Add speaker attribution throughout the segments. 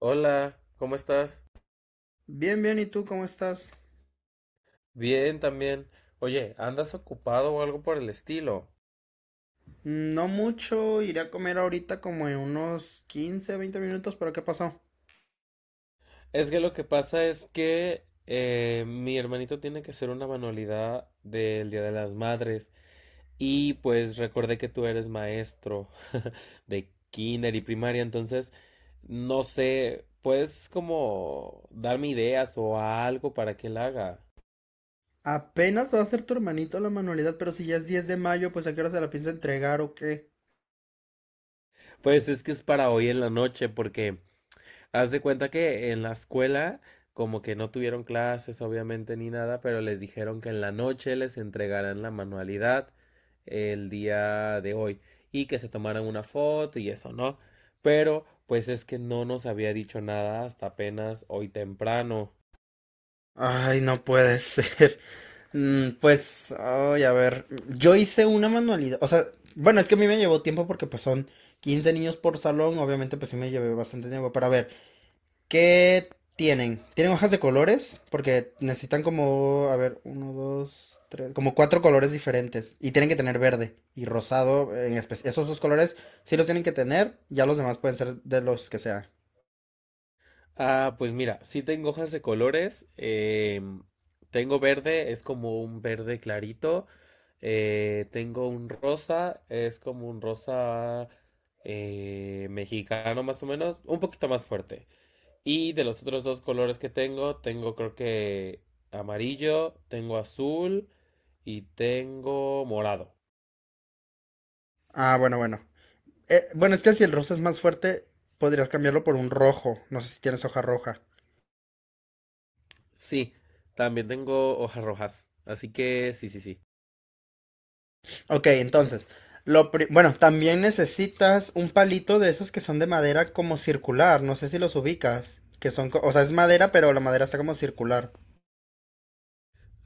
Speaker 1: Hola, ¿cómo estás?
Speaker 2: Bien, bien, ¿y tú cómo estás?
Speaker 1: Bien también. Oye, ¿andas ocupado o algo por el estilo?
Speaker 2: No mucho, iré a comer ahorita como en unos 15, 20 minutos, pero ¿qué pasó?
Speaker 1: Es que lo que pasa es que mi hermanito tiene que hacer una manualidad del Día de las Madres y pues recordé que tú eres maestro de kinder y primaria, entonces no sé, ¿puedes como darme ideas o algo para que él haga?
Speaker 2: Apenas va a hacer tu hermanito la manualidad, pero si ya es 10 de mayo, pues ¿a qué hora se la piensa entregar o qué?
Speaker 1: Pues es que es para hoy en la noche porque haz de cuenta que en la escuela, como que no tuvieron clases, obviamente, ni nada, pero les dijeron que en la noche les entregaran la manualidad el día de hoy y que se tomaran una foto y eso, ¿no? Pero, pues es que no nos había dicho nada hasta apenas hoy temprano.
Speaker 2: Ay, no puede ser. Pues, ay, a ver, yo hice una manualidad, o sea, bueno, es que a mí me llevó tiempo porque pues son 15 niños por salón, obviamente pues sí me llevé bastante tiempo, pero a ver, ¿qué tienen? ¿Tienen hojas de colores? Porque necesitan como, a ver, uno, dos, tres, como cuatro colores diferentes. Y tienen que tener verde y rosado en especial. Esos dos colores sí los tienen que tener, ya los demás pueden ser de los que sea.
Speaker 1: Ah, pues mira, sí tengo hojas de colores. Tengo verde, es como un verde clarito. Tengo un rosa, es como un rosa mexicano más o menos, un poquito más fuerte. Y de los otros dos colores que tengo, tengo creo que amarillo, tengo azul y tengo morado.
Speaker 2: Ah, bueno, bueno. Bueno, es que si el rosa es más fuerte, podrías cambiarlo por un rojo. No sé si tienes hoja roja.
Speaker 1: Sí, también tengo hojas rojas. Así que sí, sí, sí.
Speaker 2: Ok, entonces, bueno, también necesitas un palito de esos que son de madera como circular. No sé si los ubicas. Que son, o sea, es madera, pero la madera está como circular.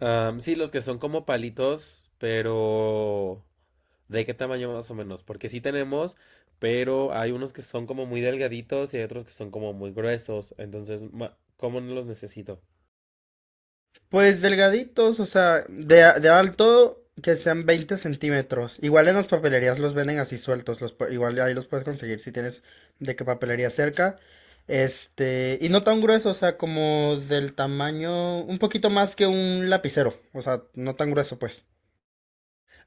Speaker 1: Sí, los que son como palitos, pero ¿de qué tamaño más o menos? Porque sí tenemos, pero hay unos que son como muy delgaditos y hay otros que son como muy gruesos. Entonces, ¿cómo no los necesito?
Speaker 2: Pues delgaditos, o sea, de alto que sean 20 centímetros. Igual en las papelerías los venden así sueltos, igual ahí los puedes conseguir si tienes de qué papelería cerca. Y no tan grueso, o sea, como del tamaño, un poquito más que un lapicero, o sea, no tan grueso, pues.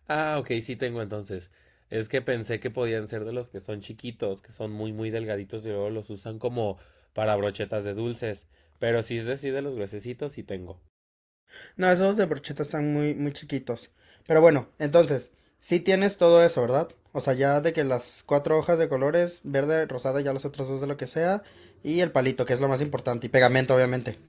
Speaker 1: Ah, ok, sí tengo entonces. Es que pensé que podían ser de los que son chiquitos, que son muy, muy delgaditos y luego los usan como para brochetas de dulces. Pero si es decir, de los gruesecitos, sí tengo.
Speaker 2: No, esos de brocheta están muy, muy chiquitos. Pero bueno, entonces, sí tienes todo eso, ¿verdad? O sea, ya de que las cuatro hojas de colores, verde, rosada, ya las otras dos de lo que sea, y el palito, que es lo más importante, y pegamento, obviamente.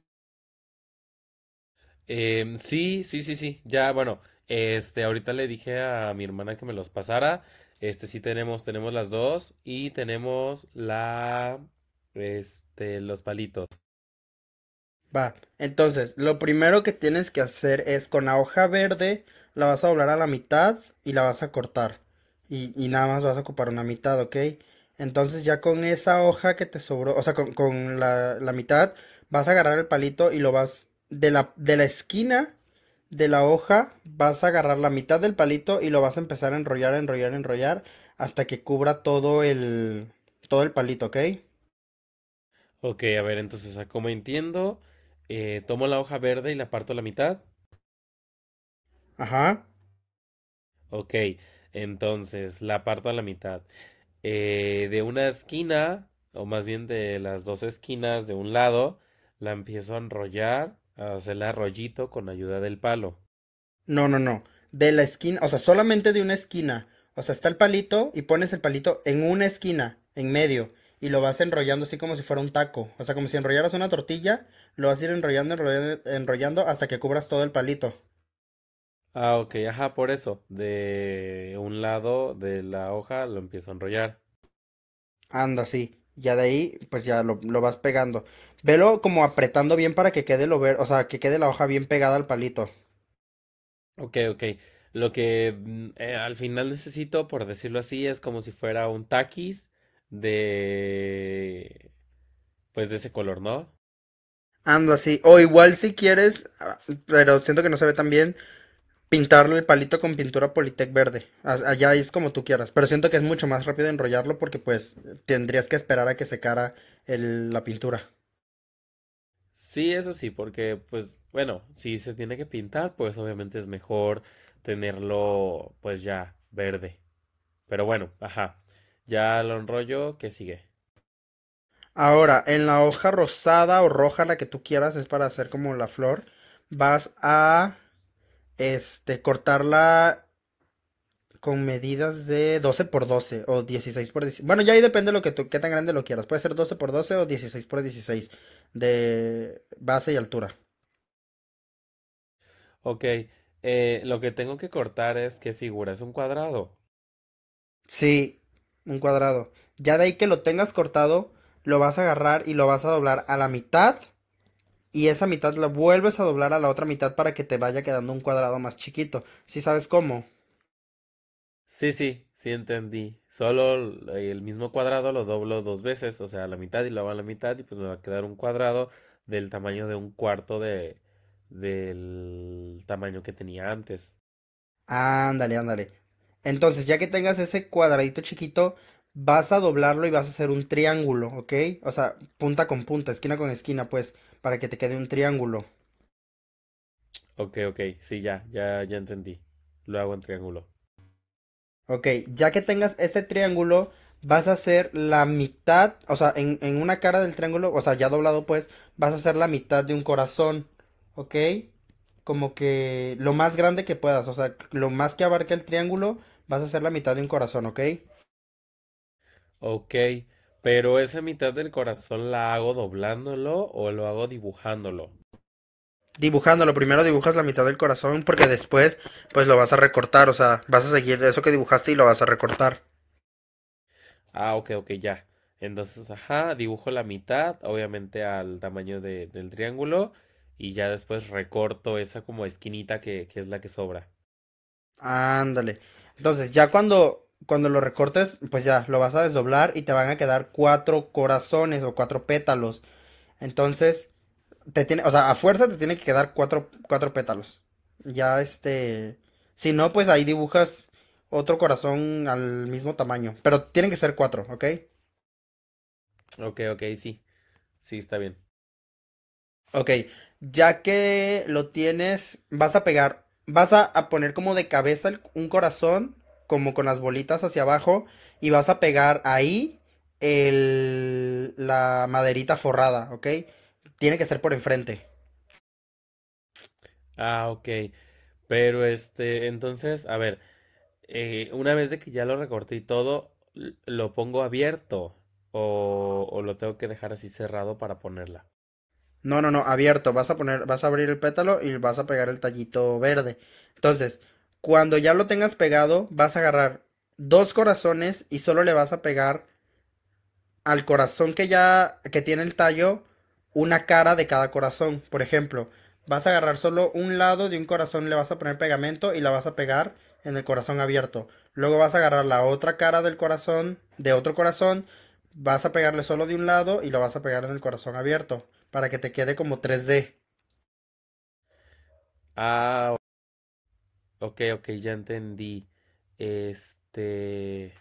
Speaker 1: Sí, sí, sí, sí. Ya, bueno, ahorita le dije a mi hermana que me los pasara. Este, sí tenemos, tenemos las dos y tenemos la, este, los palitos.
Speaker 2: Va, entonces lo primero que tienes que hacer es con la hoja verde la vas a doblar a la mitad y la vas a cortar. Y nada más vas a ocupar una mitad, ¿ok? Entonces ya con esa hoja que te sobró, o sea, con la mitad, vas a agarrar el palito y lo vas de la esquina de la hoja, vas a agarrar la mitad del palito y lo vas a empezar a enrollar, enrollar, enrollar hasta que cubra todo el palito, ¿ok?
Speaker 1: Ok, a ver, entonces, ah, como entiendo, tomo la hoja verde y la parto a la mitad.
Speaker 2: Ajá.
Speaker 1: Ok, entonces, la parto a la mitad. De una esquina, o más bien de las dos esquinas de un lado, la empiezo a enrollar, a hacerle arrollito con ayuda del palo.
Speaker 2: No, no, no. De la esquina, o sea, solamente de una esquina. O sea, está el palito y pones el palito en una esquina, en medio, y lo vas enrollando así como si fuera un taco. O sea, como si enrollaras una tortilla, lo vas a ir enrollando, enrollando, enrollando hasta que cubras todo el palito.
Speaker 1: Ah, ok, ajá, por eso. De un lado de la hoja lo empiezo a enrollar.
Speaker 2: Anda, sí. Ya de ahí, pues ya lo vas pegando. Velo como apretando bien para que quede o sea, que quede la hoja bien pegada al palito.
Speaker 1: Ok, ok. Lo que al final necesito, por decirlo así, es como si fuera un taquis de, pues de ese color, ¿no?
Speaker 2: Anda, sí. O igual si quieres, pero siento que no se ve tan bien, pintarlo el palito con pintura Politec verde. Allá es como tú quieras. Pero siento que es mucho más rápido enrollarlo porque pues tendrías que esperar a que secara la pintura.
Speaker 1: Sí, eso sí, porque, pues, bueno, si se tiene que pintar, pues obviamente es mejor tenerlo, pues ya, verde. Pero bueno, ajá. Ya lo enrollo, ¿qué sigue?
Speaker 2: Ahora, en la hoja rosada o roja, la que tú quieras, es para hacer como la flor. Vas a cortarla con medidas de 12 por 12 o 16 por 16. Bueno, ya ahí depende lo que tú, qué tan grande lo quieras. Puede ser 12 por 12 o 16 por 16 de base y altura.
Speaker 1: Ok, lo que tengo que cortar es qué figura, es un cuadrado.
Speaker 2: Sí, un cuadrado. Ya de ahí que lo tengas cortado, lo vas a agarrar y lo vas a doblar a la mitad y esa mitad la vuelves a doblar a la otra mitad para que te vaya quedando un cuadrado más chiquito. ¿Sí sabes cómo?
Speaker 1: Sí, sí, sí entendí. Solo el mismo cuadrado lo doblo dos veces, o sea, a la mitad y lo hago a la mitad y pues me va a quedar un cuadrado del tamaño de un cuarto de del tamaño que tenía antes.
Speaker 2: Ándale, ándale. Entonces, ya que tengas ese cuadradito chiquito, vas a doblarlo y vas a hacer un triángulo, ¿ok? O sea, punta con punta, esquina con esquina, pues, para que te quede un triángulo.
Speaker 1: Ok, ok, sí, ya, ya, ya entendí. Lo hago en triángulo.
Speaker 2: Ok, ya que tengas ese triángulo, vas a hacer la mitad, o sea, en una cara del triángulo, o sea, ya doblado pues, vas a hacer la mitad de un corazón, ¿ok? Como que lo más grande que puedas, o sea, lo más que abarque el triángulo, vas a hacer la mitad de un corazón, ¿ok?
Speaker 1: Ok, pero esa mitad del corazón la hago doblándolo o lo hago dibujándolo.
Speaker 2: Dibujándolo, primero dibujas la mitad del corazón porque después, pues lo vas a recortar, o sea, vas a seguir eso que dibujaste y lo vas a recortar.
Speaker 1: Ah, ok, ok, ya. Entonces, ajá, dibujo la mitad, obviamente al tamaño del triángulo, y ya después recorto esa como esquinita que es la que sobra.
Speaker 2: Ándale. Entonces, ya cuando lo recortes, pues ya lo vas a desdoblar y te van a quedar cuatro corazones o cuatro pétalos. Entonces, te tiene, o sea, a fuerza te tiene que quedar cuatro pétalos. Ya si no, pues ahí dibujas otro corazón al mismo tamaño, pero tienen que ser cuatro, ¿ok?
Speaker 1: Ok, ok, sí, sí, está bien.
Speaker 2: Ok, ya que lo tienes, vas a pegar, a poner como de cabeza un corazón, como con las bolitas hacia abajo, y vas a pegar ahí la maderita forrada, ¿ok? Tiene que ser por enfrente.
Speaker 1: Ah, ok, pero este, entonces, a ver, una vez de que ya lo recorté y todo, ¿lo pongo abierto o lo tengo que dejar así cerrado para ponerla?
Speaker 2: No, no, no, abierto. Vas a abrir el pétalo y vas a pegar el tallito verde. Entonces, cuando ya lo tengas pegado, vas a agarrar dos corazones y solo le vas a pegar al corazón que ya que tiene el tallo una cara de cada corazón. Por ejemplo, vas a agarrar solo un lado de un corazón, le vas a poner pegamento y la vas a pegar en el corazón abierto. Luego vas a agarrar la otra cara del corazón, de otro corazón, vas a pegarle solo de un lado y lo vas a pegar en el corazón abierto para que te quede como tres d.
Speaker 1: Ah, ok, ok, ya entendí. Este...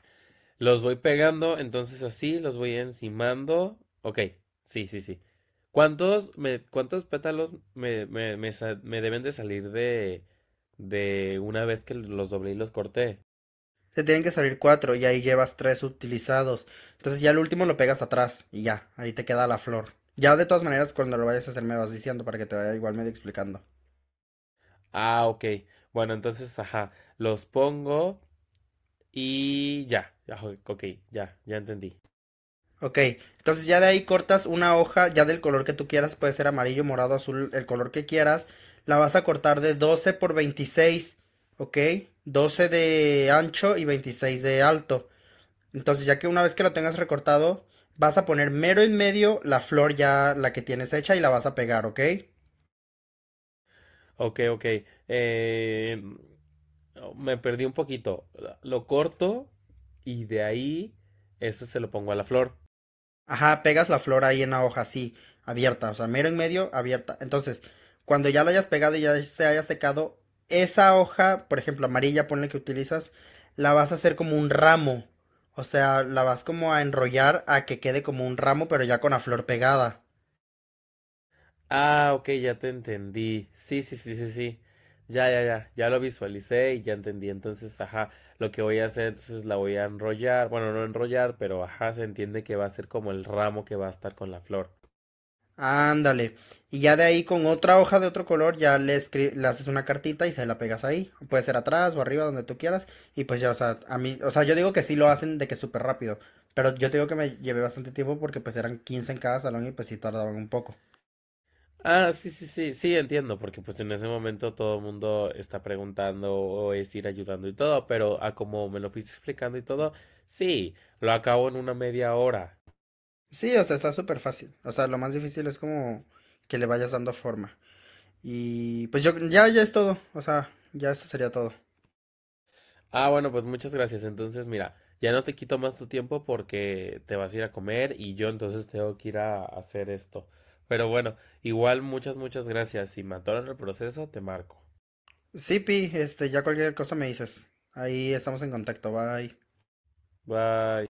Speaker 1: Los voy pegando, entonces así, los voy encimando. Ok, sí, sí, sí. ¿Cuántos, cuántos pétalos me deben de salir de una vez que los doblé y los corté?
Speaker 2: Te tienen que salir cuatro y ahí llevas tres utilizados. Entonces ya el último lo pegas atrás y ya, ahí te queda la flor. Ya de todas maneras, cuando lo vayas a hacer me vas diciendo para que te vaya igual medio explicando.
Speaker 1: Ah, ok. Bueno, entonces, ajá, los pongo y ya. Ya, ok, ya, ya entendí.
Speaker 2: Ok, entonces ya de ahí cortas una hoja, ya del color que tú quieras, puede ser amarillo, morado, azul, el color que quieras. La vas a cortar de 12 por 26, ok, 12 de ancho y 26 de alto. Entonces ya que una vez que lo tengas recortado, vas a poner mero en medio la flor ya, la que tienes hecha y la vas a pegar, ok.
Speaker 1: Ok, ok. Eh, Me perdí un poquito. Lo corto y de ahí, eso se lo pongo a la flor.
Speaker 2: Ajá, pegas la flor ahí en la hoja, así, abierta, o sea, mero en medio, abierta. Entonces, cuando ya lo hayas pegado y ya se haya secado, esa hoja, por ejemplo, amarilla, ponle que utilizas, la vas a hacer como un ramo. O sea, la vas como a enrollar a que quede como un ramo, pero ya con la flor pegada.
Speaker 1: Ah, ok, ya te entendí. Sí, sí, sí, sí, sí. Ya, ya, ya. Ya lo visualicé y ya entendí. Entonces, ajá, lo que voy a hacer, entonces la voy a enrollar. Bueno, no enrollar, pero ajá, se entiende que va a ser como el ramo que va a estar con la flor.
Speaker 2: Ándale. Y ya de ahí con otra hoja de otro color ya le haces una cartita y se la pegas ahí. Puede ser atrás o arriba, donde tú quieras. Y pues ya, o sea, a mí, o sea, yo digo que sí lo hacen de que súper rápido. Pero yo te digo que me llevé bastante tiempo porque pues eran 15 en cada salón y pues sí tardaban un poco.
Speaker 1: Ah, sí, sí, sí, sí, entiendo, porque pues en ese momento todo el mundo está preguntando o es ir ayudando y todo, pero a como me lo fuiste explicando y todo, sí, lo acabo en una media hora.
Speaker 2: Sí, o sea, está súper fácil. O sea, lo más difícil es como que le vayas dando forma. Y pues yo, ya, ya es todo. O sea, ya eso sería todo.
Speaker 1: Ah, bueno, pues muchas gracias. Entonces, mira, ya no te quito más tu tiempo porque te vas a ir a comer y yo entonces tengo que ir a hacer esto. Pero bueno, igual muchas, muchas gracias. Si me atoran el proceso, te marco.
Speaker 2: Sí, Pi, ya cualquier cosa me dices. Ahí estamos en contacto. Bye.
Speaker 1: Bye.